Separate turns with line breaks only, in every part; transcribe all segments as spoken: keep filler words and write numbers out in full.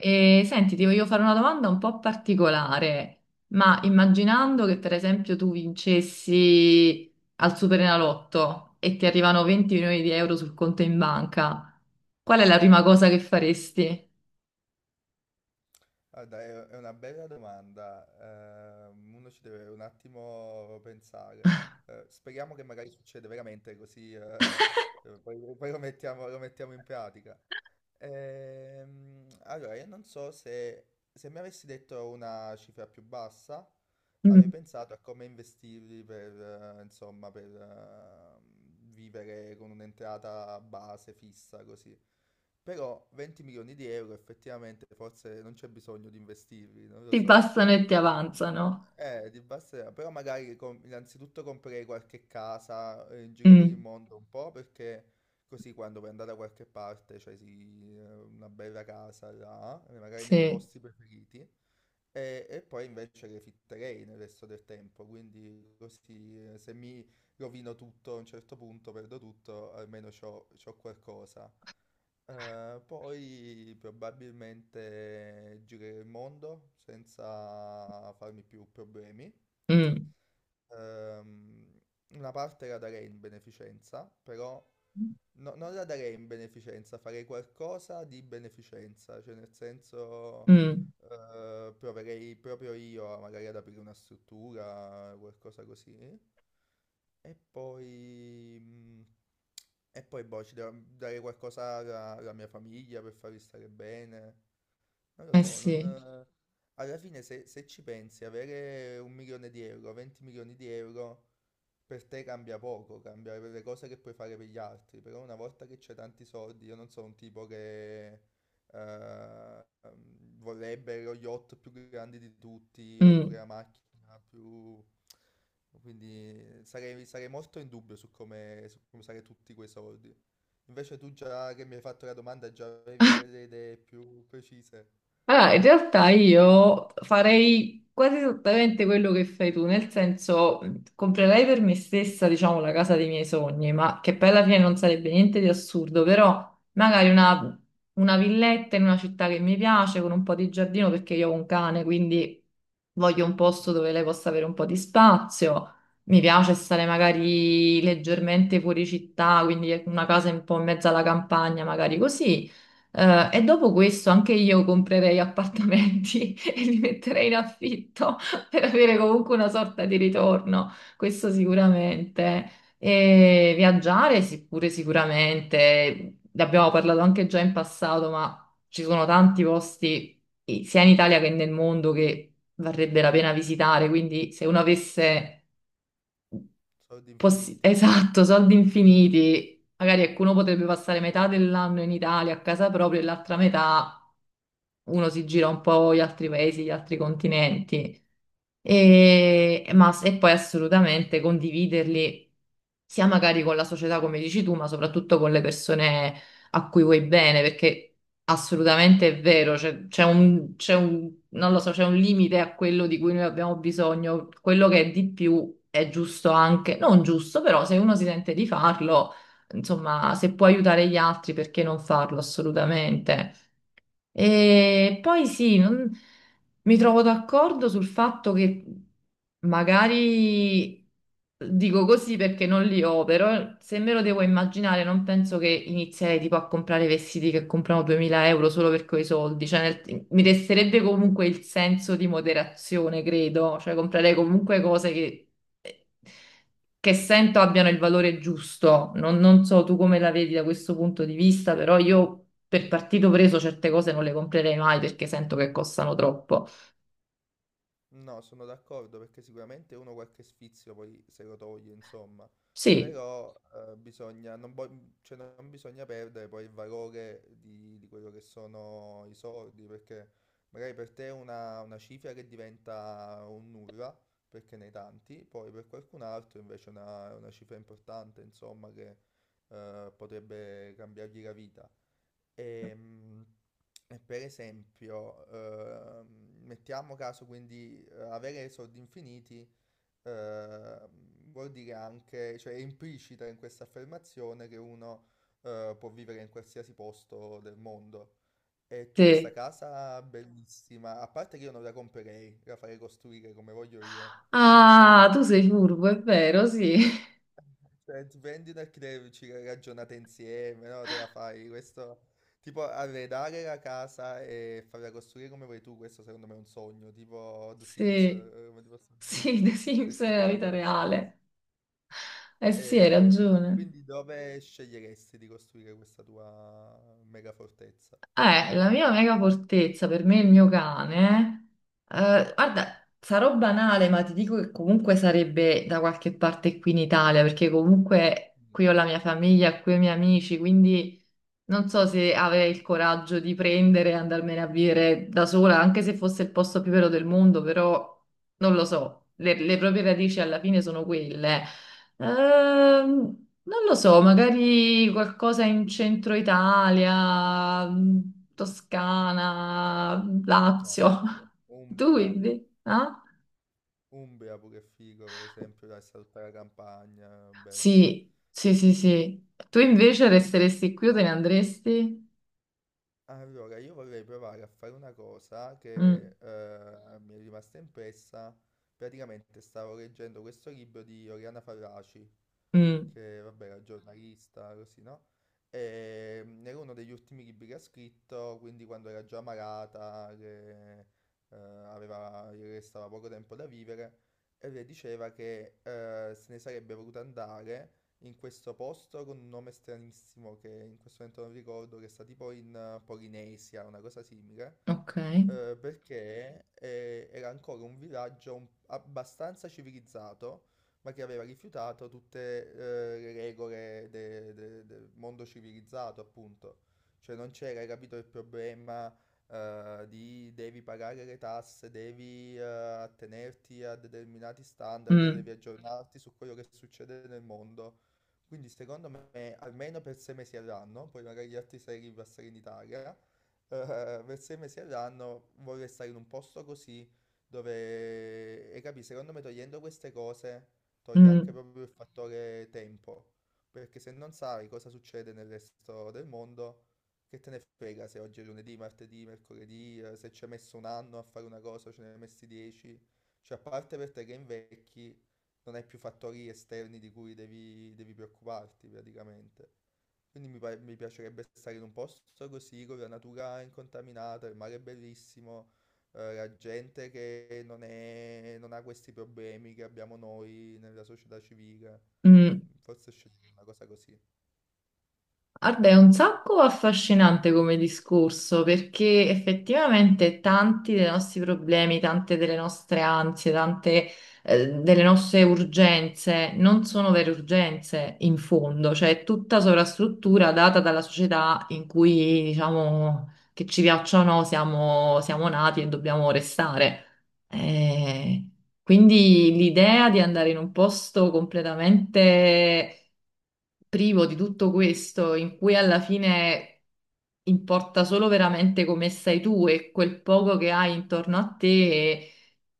E, senti, ti voglio fare una domanda un po' particolare, ma immaginando che per esempio tu vincessi al Superenalotto e ti arrivano venti milioni di euro sul conto in banca, qual è la prima cosa che faresti?
Guarda, è è una bella domanda. Ehm, uno ci deve un attimo pensare. Eh, speriamo che magari succede veramente così, eh, eh, poi, poi lo mettiamo, lo mettiamo in pratica. Ehm, allora, io non so se, se mi avessi detto una cifra più bassa, avrei
Mm.
pensato a come investirli per, eh, insomma, per eh, vivere con un'entrata base fissa così. Però venti milioni di euro effettivamente forse non c'è bisogno di investirli, non lo
Ti
so.
passano e ti avanzano.
Eh, di Barcellona. Però magari com- innanzitutto comprerei qualche casa, eh, in giro per il
Mm,
mondo un po', perché così quando poi andare da qualche parte, cioè sì, eh, una bella casa là, eh, magari nei miei
sì.
posti preferiti, e, e poi invece refitterei nel resto del tempo, quindi così, eh, se mi rovino tutto a un certo punto, perdo tutto, almeno c'ho, c'ho qualcosa. Eh, poi probabilmente girerò il mondo senza farmi più problemi.
Mm.
Ehm, una parte la darei in beneficenza, però no- non la darei in beneficenza, farei qualcosa di beneficenza, cioè nel senso,
Mm.
eh, proverei proprio io a- magari ad aprire una struttura, qualcosa così. E poi... mm, E poi, boh, ci devo dare qualcosa alla, alla mia famiglia per farli stare bene. Non lo
Eh
so. Non...
sì.
eh, Alla fine, se, se ci pensi, avere un milione di euro, venti milioni di euro, per te cambia poco, cambia per le cose che puoi fare per gli altri. Però una volta che c'è tanti soldi, io non sono un tipo che... eh, ehm, vorrebbe lo yacht più grande di tutti oppure
Mm.
la macchina più... Quindi eh, sarei, sarei molto in dubbio su come, su come usare tutti quei soldi. Invece tu, già che mi hai fatto la domanda, già avevi delle idee più precise.
Allora, in realtà io farei quasi esattamente quello che fai tu, nel senso mh, comprerei per me stessa, diciamo, la casa dei miei sogni, ma che poi alla fine non sarebbe niente di assurdo, però magari una, una villetta in una città che mi piace, con un po' di giardino, perché io ho un cane, quindi voglio un posto dove lei possa avere un po' di spazio. Mi piace stare magari leggermente fuori città, quindi una casa un po' in mezzo alla campagna, magari così. Eh, e dopo questo anche io comprerei appartamenti e li metterei in affitto per avere comunque una sorta di ritorno, questo sicuramente. E viaggiare sì, pure sicuramente, ne abbiamo parlato anche già in passato, ma ci sono tanti posti eh, sia in Italia che nel mondo che varrebbe la pena visitare, quindi se uno avesse
Soldi
possi-
infiniti.
esatto, soldi infiniti, magari ecco, uno potrebbe passare metà dell'anno in Italia a casa propria e l'altra metà uno si gira un po' gli altri paesi, gli altri continenti, e, ma, s- e poi assolutamente condividerli sia magari con la società, come dici tu, ma soprattutto con le persone a cui vuoi bene, perché assolutamente è vero, c'è c'è un, c'è un- non lo so, c'è un limite a quello di cui noi abbiamo bisogno, quello che è di più è giusto anche, non giusto, però se uno si sente di farlo, insomma, se può aiutare gli altri, perché non farlo assolutamente? E poi sì, non- mi trovo d'accordo sul fatto che magari dico così perché non li ho, però se me lo devo immaginare non penso che inizierei tipo a comprare vestiti che comprano duemila euro solo per quei soldi, cioè nel- mi resterebbe comunque il senso di moderazione, credo, cioè comprerei comunque cose che che sento abbiano il valore giusto. Non, non so tu come la vedi da questo punto di vista, però io per partito preso certe cose non le comprerei mai perché sento che costano troppo.
No, sono d'accordo, perché sicuramente uno qualche sfizio poi se lo toglie, insomma,
Sì,
però eh, bisogna, non, vo- cioè, non bisogna perdere poi il valore di, di quello che sono i soldi, perché magari per te è una, una cifra che diventa un nulla, perché ne hai tanti, poi per qualcun altro invece è una, è una cifra importante, insomma, che eh, potrebbe cambiargli la vita. Ehm, E, per esempio, ehm, mettiamo caso, quindi, eh, avere soldi infiniti ehm, vuol dire anche, cioè è implicita in questa affermazione che uno eh, può vivere in qualsiasi posto del mondo. E tu questa
sì.
casa bellissima, a parte che io non la comprerei, la farei costruire come voglio io.
Ah, tu sei furbo, è vero, sì.
Cioè, ti prendi del credito, ci ragionate insieme, no? Te la fai. Questo, tipo, arredare la casa e farla costruire come vuoi tu, questo secondo me è un sogno, tipo The Sims,
Sì,
eh, come ti posso
sì,
dire,
The
se
Sims
stai
è la
giocando
vita
a The Sims.
reale. Eh sì, hai
Ehm,
ragione.
quindi dove sceglieresti di costruire questa tua mega fortezza?
Eh, la mia mega fortezza per me è il mio cane. Eh, guarda, sarò banale, ma ti dico che comunque sarebbe da qualche parte qui in Italia, perché comunque
Mm.
qui ho la mia famiglia, qui ho i miei amici, quindi non so se avrei il coraggio di prendere e andarmene a vivere da sola, anche se fosse il posto più vero del mondo, però non lo so. Le, le proprie radici alla fine sono quelle. Ehm, non lo so, magari qualcosa in centro Italia, mh, Toscana,
Ah,
Lazio.
bello.
Tu
Umbria.
invece? Ah?
Umbria pure è figo, per esempio, dai, sta tutta la campagna, bello.
Sì, sì, sì, sì. Tu invece resteresti qui o te ne andresti?
Allora, io vorrei provare a fare una cosa
Mm.
che eh, mi è rimasta impressa. Praticamente stavo leggendo questo libro di Oriana Fallaci,
Mm.
che vabbè era giornalista, così, no? E mm, era uno degli ultimi libri che ha scritto, quindi quando era già malata, che eh, aveva, gli restava poco tempo da vivere, e lei diceva che eh, se ne sarebbe voluta andare in questo posto con un nome stranissimo che in questo momento non ricordo, che sta tipo in, eh, Polinesia, una cosa simile.
Ok.
eh, Ok, perché eh, era ancora un villaggio un- abbastanza civilizzato, ma che aveva rifiutato tutte, eh, le regole de- de- del mondo civilizzato, appunto. Cioè non c'era, hai capito, il problema, eh, di devi pagare le tasse, devi eh, attenerti a determinati standard,
Mm.
devi aggiornarti su quello che succede nel mondo. Quindi secondo me, almeno per sei mesi all'anno, poi magari gli altri sei ripassano in Italia, eh, per sei mesi all'anno vorrei stare in un posto così dove, e capi, secondo me togliendo queste cose toglie anche
Mm.
proprio il fattore tempo, perché se non sai cosa succede nel resto del mondo, che te ne frega se oggi è lunedì, martedì, mercoledì, eh, se ci hai messo un anno a fare una cosa, ce ne hai messi dieci, cioè a parte per te che invecchi, non hai più fattori esterni di cui devi, devi preoccuparti praticamente. Quindi mi, pa- mi piacerebbe stare in un posto così, con la natura incontaminata, il mare è bellissimo, eh, la gente che non è- non ha questi problemi che abbiamo noi nella società civile.
Mm.
Forse scegliere una cosa così.
Guarda, è un sacco affascinante come discorso perché effettivamente tanti dei nostri problemi, tante delle nostre ansie, tante eh, delle nostre urgenze non sono vere urgenze in fondo, cioè è tutta sovrastruttura data dalla società in cui, diciamo, che ci piaccia o no, siamo, siamo nati e dobbiamo restare. Eh, quindi l'idea di andare in un posto completamente privo di tutto questo, in cui alla fine importa solo veramente come stai tu e quel poco che hai intorno a te,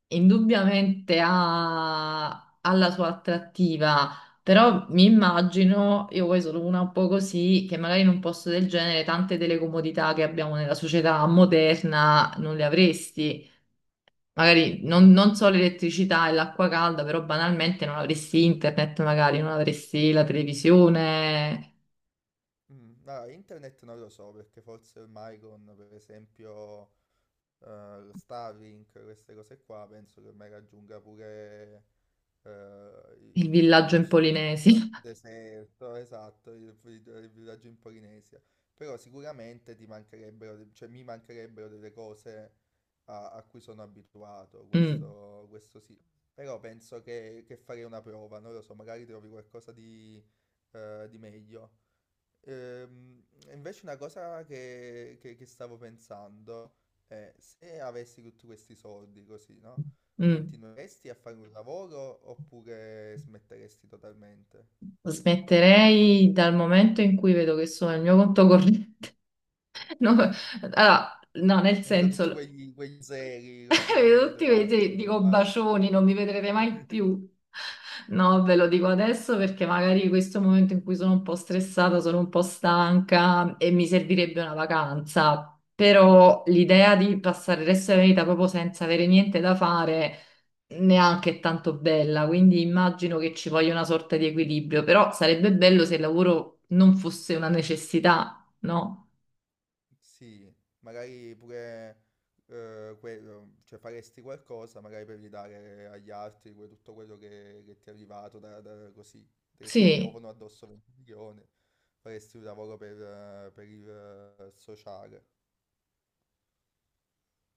indubbiamente ha, ha la sua attrattiva. Però mi immagino, io poi sono una un po' così, che magari in un posto del genere tante delle comodità che abbiamo nella società moderna non le avresti. Magari non,
Mm,
non so l'elettricità e l'acqua calda, però banalmente non avresti internet, magari non avresti la televisione,
mm. Allora, internet non lo so, perché forse ormai con, per esempio, eh, lo Starlink, queste cose qua, penso che ormai raggiunga pure, eh,
il
il
villaggio in
posto in mezzo
Polinesi.
al deserto, esatto, il, il- il villaggio in Polinesia. Però sicuramente ti mancherebbero, de- cioè mi mancherebbero delle cose a, a cui sono abituato,
Mm.
questo, questo sì. Però penso che, che farei una prova, non lo so, magari trovi qualcosa di, eh, di meglio. Ehm, invece una cosa che, che- che stavo pensando è se avessi tutti questi soldi così, no?
Mm.
Continueresti a fare un lavoro oppure smetteresti totalmente?
Smetterei dal momento in cui vedo che sono il mio conto corrente. No, allora, no, nel
Eh, Da tutti
senso.
quegli, quegli zeri
E
così uno
vedo
dietro
tutti
l'altro,
invece
così,
dico
basta.
bacioni, non mi vedrete mai più. No, ve lo dico adesso perché magari questo è il momento in cui sono un po' stressata, sono un po' stanca e mi servirebbe una vacanza. Però l'idea di passare il resto della vita proprio senza avere niente da fare neanche è tanto bella, quindi immagino che ci voglia una sorta di equilibrio, però sarebbe bello se il lavoro non fosse una necessità, no?
Sì, magari pure, eh, quello, cioè faresti qualcosa magari per ridare agli altri que- tutto quello che, che ti è arrivato da, da- così, che ti
Sì.
piovono addosso venti milioni, faresti un lavoro per, eh, per il eh, sociale.